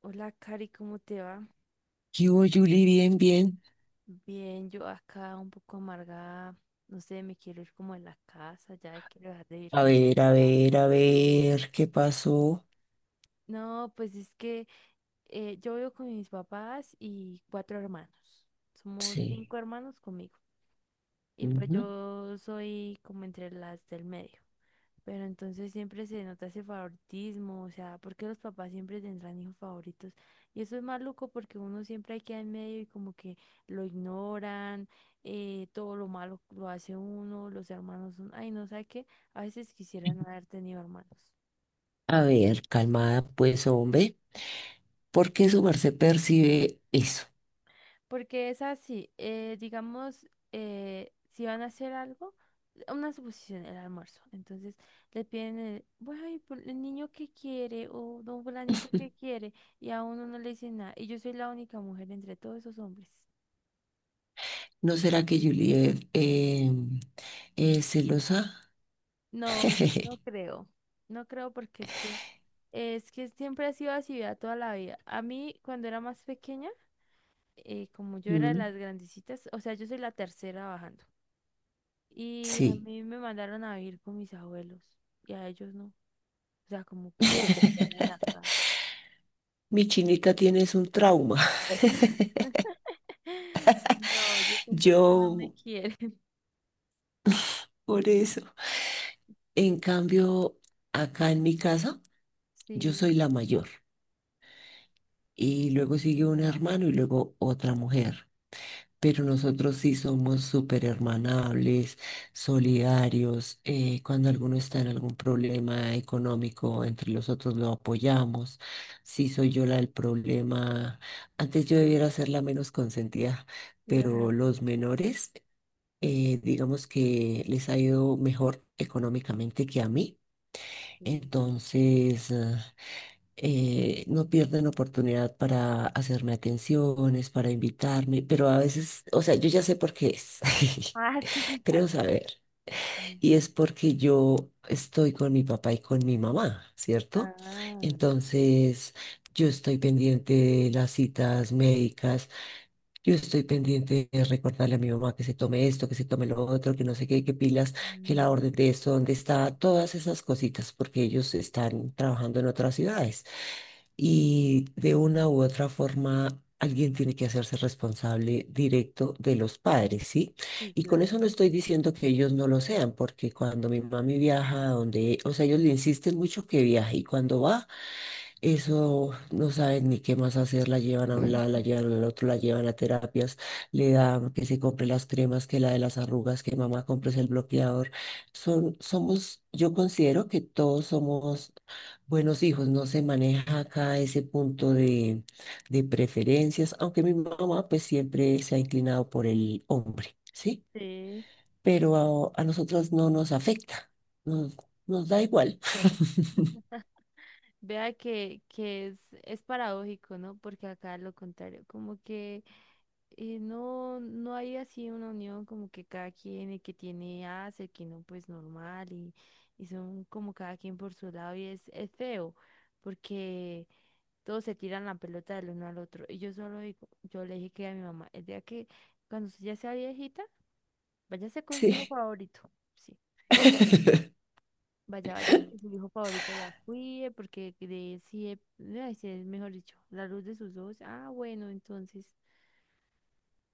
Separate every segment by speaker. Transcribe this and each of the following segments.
Speaker 1: Hola, Cari, ¿cómo te va?
Speaker 2: ¿Qué hubo, Julie? Bien, bien.
Speaker 1: Bien, yo acá un poco amargada, no sé, me quiero ir como a la casa, ya quiero dejar de vivir
Speaker 2: A
Speaker 1: con...
Speaker 2: ver, a ver, a ver, ¿qué pasó?
Speaker 1: No, pues es que yo vivo con mis papás y cuatro hermanos. Somos
Speaker 2: Sí.
Speaker 1: cinco hermanos conmigo. Y pues
Speaker 2: Ujú.
Speaker 1: yo soy como entre las del medio. Pero entonces siempre se nota ese favoritismo, o sea, porque los papás siempre tendrán hijos favoritos. Y eso es maluco porque uno siempre queda en medio y como que lo ignoran, todo lo malo lo hace uno, los hermanos son, ay, no sé qué, a veces quisiera no haber tenido hermanos.
Speaker 2: A ver, calmada, pues, hombre. ¿Por qué su merced percibe eso?
Speaker 1: Porque es así, digamos, si van a hacer algo, una suposición, el almuerzo. Entonces le piden, el, bueno, y por el niño que quiere o don fulanito que quiere, y a uno no le dicen nada. Y yo soy la única mujer entre todos esos hombres.
Speaker 2: ¿No será que Julie es celosa?
Speaker 1: No, no creo. No creo porque es que siempre ha sido así, vea, toda la vida. A mí, cuando era más pequeña, como yo era de
Speaker 2: Mm.
Speaker 1: las grandecitas, o sea, yo soy la tercera bajando. Y a
Speaker 2: Sí.
Speaker 1: mí me mandaron a vivir con mis abuelos y a ellos no. O sea, como que no quedan en la casa.
Speaker 2: Mi chinita tienes un trauma.
Speaker 1: No, yo siento que no me
Speaker 2: Yo,
Speaker 1: quieren.
Speaker 2: por eso. En cambio, acá en mi casa, yo
Speaker 1: Sí,
Speaker 2: soy la mayor. Y luego sigue
Speaker 1: sí,
Speaker 2: un hermano y luego otra mujer. Pero nosotros sí somos súper hermanables, solidarios. Cuando alguno está en algún problema económico, entre los otros lo apoyamos. Sí soy yo la del problema, antes yo debiera ser la menos consentida,
Speaker 1: lo
Speaker 2: pero
Speaker 1: admito.
Speaker 2: los menores, digamos que les ha ido mejor económicamente que a mí. Entonces, no pierden oportunidad para hacerme atenciones, para invitarme, pero a veces, o sea, yo ya sé por qué es,
Speaker 1: Ah, sí.
Speaker 2: creo saber,
Speaker 1: Mm.
Speaker 2: y es porque yo estoy con mi papá y con mi mamá, ¿cierto?
Speaker 1: Ah,
Speaker 2: Entonces, yo estoy pendiente de las citas médicas, yo estoy pendiente de recordarle a mi mamá que se tome esto, que se tome lo otro, que no sé qué, que pilas, que la
Speaker 1: mm,
Speaker 2: orden de esto, dónde está, todas esas cositas, porque ellos están trabajando en otras ciudades. Y de una u otra forma, alguien tiene que hacerse responsable directo de los padres, ¿sí?
Speaker 1: sí,
Speaker 2: Y con
Speaker 1: claro.
Speaker 2: eso no estoy diciendo que ellos no lo sean, porque cuando mi mami viaja a donde, o sea, ellos le insisten mucho que viaje y cuando va eso no saben ni qué más hacer, la llevan a un lado, la llevan al otro, la llevan a terapias, le dan que se compre las cremas, que la de las arrugas, que mamá compres el bloqueador. Son, somos, yo considero que todos somos buenos hijos, no se maneja acá ese punto de preferencias, aunque mi mamá pues siempre se ha inclinado por el hombre, ¿sí?
Speaker 1: Sí.
Speaker 2: Pero a nosotras no nos afecta, nos, nos da igual.
Speaker 1: Vea que es paradójico, ¿no? Porque acá lo contrario, como que no hay así una unión como que cada quien, el que tiene hace, el que no, pues normal, y son como cada quien por su lado, es feo, porque todos se tiran la pelota del uno al otro. Y yo solo digo, yo le dije que a mi mamá, el día que cuando usted ya sea viejita, váyase con su hijo
Speaker 2: Sí.
Speaker 1: favorito, sí. Vaya, vaya, que su hijo favorito la cuide, porque de si es, ay, sí, es mejor dicho, la luz de sus ojos. Ah, bueno, entonces.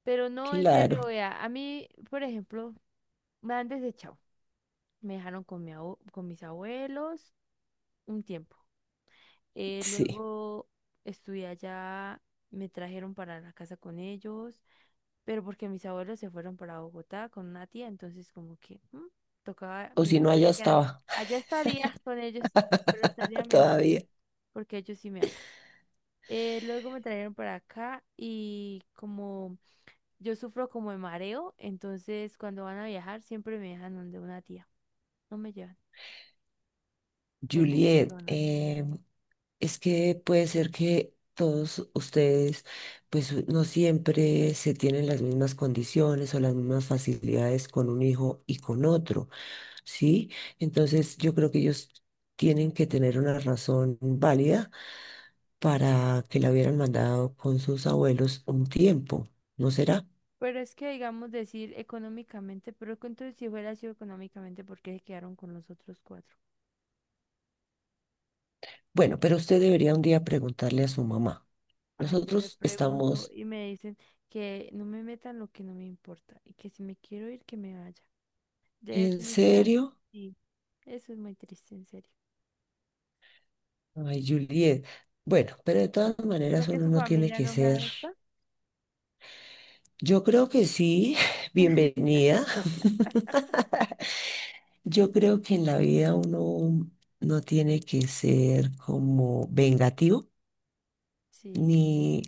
Speaker 1: Pero no, en
Speaker 2: Claro,
Speaker 1: serio, vea, a mí, por ejemplo, me han desechado. Me dejaron con mis abuelos un tiempo.
Speaker 2: sí.
Speaker 1: Luego estudié allá, me trajeron para la casa con ellos, pero porque mis abuelos se fueron para Bogotá con una tía, entonces como que mm, tocaba
Speaker 2: O si no,
Speaker 1: mirar a
Speaker 2: allá
Speaker 1: ver
Speaker 2: estaba
Speaker 1: allá estaría con ellos, pero estaría mejor,
Speaker 2: todavía.
Speaker 1: porque ellos sí me aman. Luego me trajeron para acá y como yo sufro como de mareo, entonces cuando van a viajar siempre me dejan donde una tía, no me llevan por momento.
Speaker 2: Juliet, es que puede ser que todos ustedes, pues no siempre se tienen las mismas condiciones o las mismas facilidades con un hijo y con otro, ¿sí? Entonces yo creo que ellos tienen que tener una razón válida para que la hubieran mandado con sus abuelos un tiempo, ¿no será?
Speaker 1: Pero es que, digamos, decir económicamente, pero que entonces si hubiera sido económicamente, ¿por qué se quedaron con los otros cuatro?
Speaker 2: Bueno, pero usted debería un día preguntarle a su mamá.
Speaker 1: Ay, yo le
Speaker 2: Nosotros
Speaker 1: pregunto
Speaker 2: estamos,
Speaker 1: y me dicen que no me metan lo que no me importa y que si me quiero ir, que me vaya. De
Speaker 2: ¿en
Speaker 1: definitiva,
Speaker 2: serio?
Speaker 1: sí, eso es muy triste, en serio.
Speaker 2: Ay, Juliet. Bueno, pero de todas
Speaker 1: ¿Será
Speaker 2: maneras
Speaker 1: que
Speaker 2: uno
Speaker 1: su
Speaker 2: no tiene
Speaker 1: familia
Speaker 2: que
Speaker 1: no me
Speaker 2: ser.
Speaker 1: adopta?
Speaker 2: Yo creo que sí, bienvenida. Yo creo que en la vida uno no tiene que ser como vengativo,
Speaker 1: Sí,
Speaker 2: ni...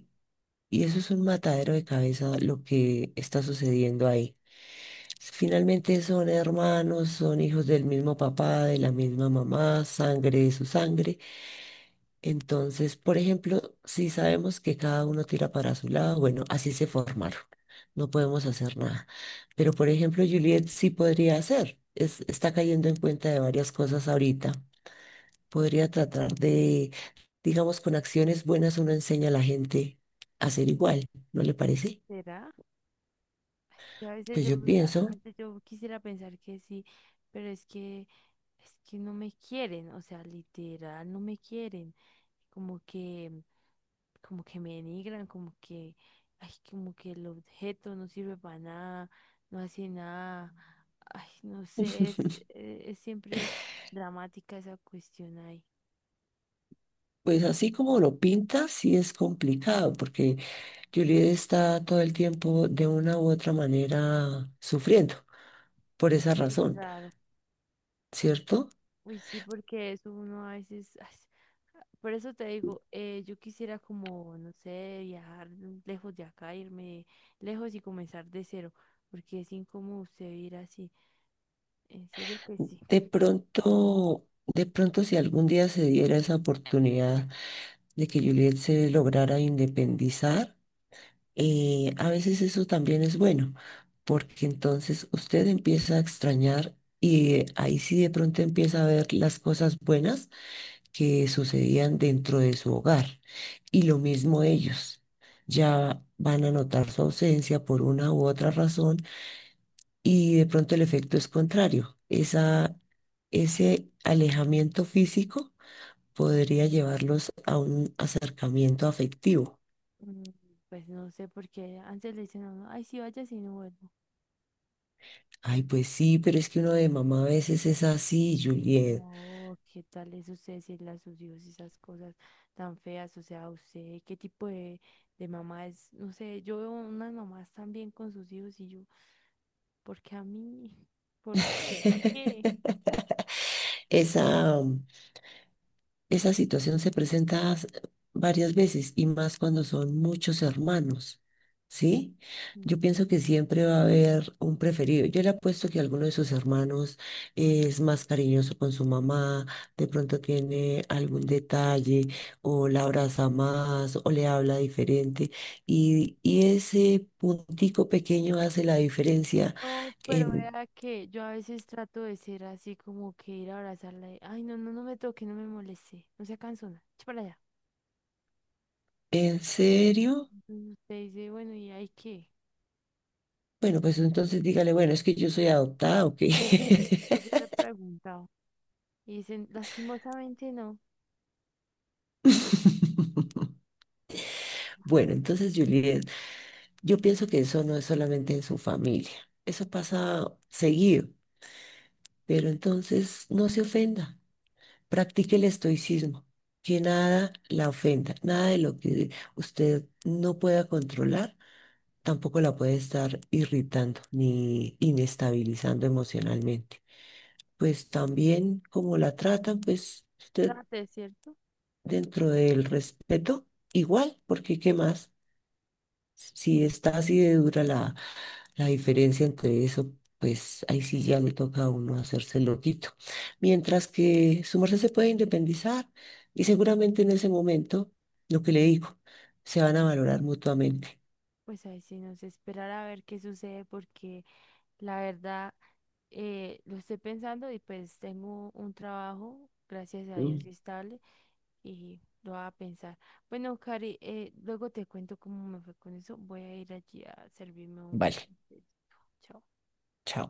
Speaker 2: Y eso es un matadero de cabeza lo que está sucediendo ahí. Finalmente son hermanos, son hijos del mismo papá, de la misma mamá, sangre de su sangre. Entonces, por ejemplo, si sabemos que cada uno tira para su lado, bueno, así se formaron. No podemos hacer nada. Pero, por ejemplo, Juliet sí podría hacer. Es, está cayendo en cuenta de varias cosas ahorita. Podría tratar de, digamos, con acciones buenas uno enseña a la gente a ser igual, ¿no le parece?
Speaker 1: ¿será? Es que a veces
Speaker 2: Pues
Speaker 1: yo,
Speaker 2: yo pienso,
Speaker 1: antes yo quisiera pensar que sí, pero es que no me quieren, o sea, literal, no me quieren. Como que... como que me denigran, como que, ay, como que el objeto no sirve para nada, no hace nada, ay, no sé, es siempre dramática esa cuestión ahí.
Speaker 2: pues así como lo pinta, sí es complicado, porque Juliet está todo el tiempo de una u otra manera sufriendo por esa
Speaker 1: Sí,
Speaker 2: razón.
Speaker 1: claro.
Speaker 2: ¿Cierto?
Speaker 1: Uy, sí, porque eso uno a veces, ay, por eso te digo, yo quisiera como, no sé, viajar lejos de acá, irme lejos y comenzar de cero, porque es incómodo usted vivir así, en serio que sí.
Speaker 2: De pronto si algún día se diera esa oportunidad de que Juliet se lograra independizar, a veces eso también es bueno, porque entonces usted empieza a extrañar y ahí sí de pronto empieza a ver las cosas buenas que sucedían dentro de su hogar. Y lo mismo ellos. Ya van a notar su ausencia por una u otra razón y de pronto el efecto es contrario. Esa, ese alejamiento físico podría llevarlos a un acercamiento afectivo.
Speaker 1: Mm. Pues no sé por qué antes le dicen a uno, ay, sí, vaya, si no vuelvo.
Speaker 2: Ay, pues sí, pero es que uno de mamá a veces es así, Juliet.
Speaker 1: No, ¿qué tal es usted decirle a sus hijos esas cosas tan feas? O sea, usted, ¿qué tipo de mamá es? No sé, yo veo unas mamás también con sus hijos y yo, ¿por qué a mí? ¿Por qué? ¿Por qué?
Speaker 2: Esa, Esa situación se presenta varias veces y más cuando son muchos hermanos, ¿sí? Yo
Speaker 1: Mm.
Speaker 2: pienso que siempre va a haber un preferido. Yo le apuesto que alguno de sus hermanos es más cariñoso con su mamá, de pronto tiene algún detalle o la abraza más o le habla diferente y ese puntico pequeño hace la diferencia
Speaker 1: No, pero
Speaker 2: en,
Speaker 1: vea que yo a veces trato de ser así como que ir a abrazarla y, ay, no, no, no me toque, no me moleste, no sea cansona, echa para allá.
Speaker 2: ¿en serio?
Speaker 1: Entonces usted dice, bueno, ¿y hay qué?
Speaker 2: Bueno, pues entonces dígale, bueno, es que yo soy adoptada, ¿o qué?
Speaker 1: Pues yo le he preguntado. Y dicen, lastimosamente no,
Speaker 2: Bueno, entonces, Juliet, yo pienso que eso no es solamente en su familia, eso pasa seguido, pero entonces no se ofenda, practique el estoicismo, que nada la ofenda, nada de lo que usted no pueda controlar, tampoco la puede estar irritando ni inestabilizando emocionalmente. Pues también como la tratan, pues usted
Speaker 1: trate, ¿cierto?
Speaker 2: dentro del respeto, igual, porque ¿qué más? Si está así de dura la diferencia entre eso, pues ahí sí ya le toca a uno hacerse el loquito. Mientras que su merced se puede independizar y seguramente en ese momento, lo que le digo, se van a valorar mutuamente.
Speaker 1: Pues ahí sí nos esperar a ver qué sucede porque la verdad lo estoy pensando y pues tengo un trabajo, gracias a
Speaker 2: Mm.
Speaker 1: Dios, estable y lo voy a pensar. Bueno, Cari, luego te cuento cómo me fue con eso. Voy a ir allí a servirme
Speaker 2: Vale,
Speaker 1: un- Chao.
Speaker 2: chao.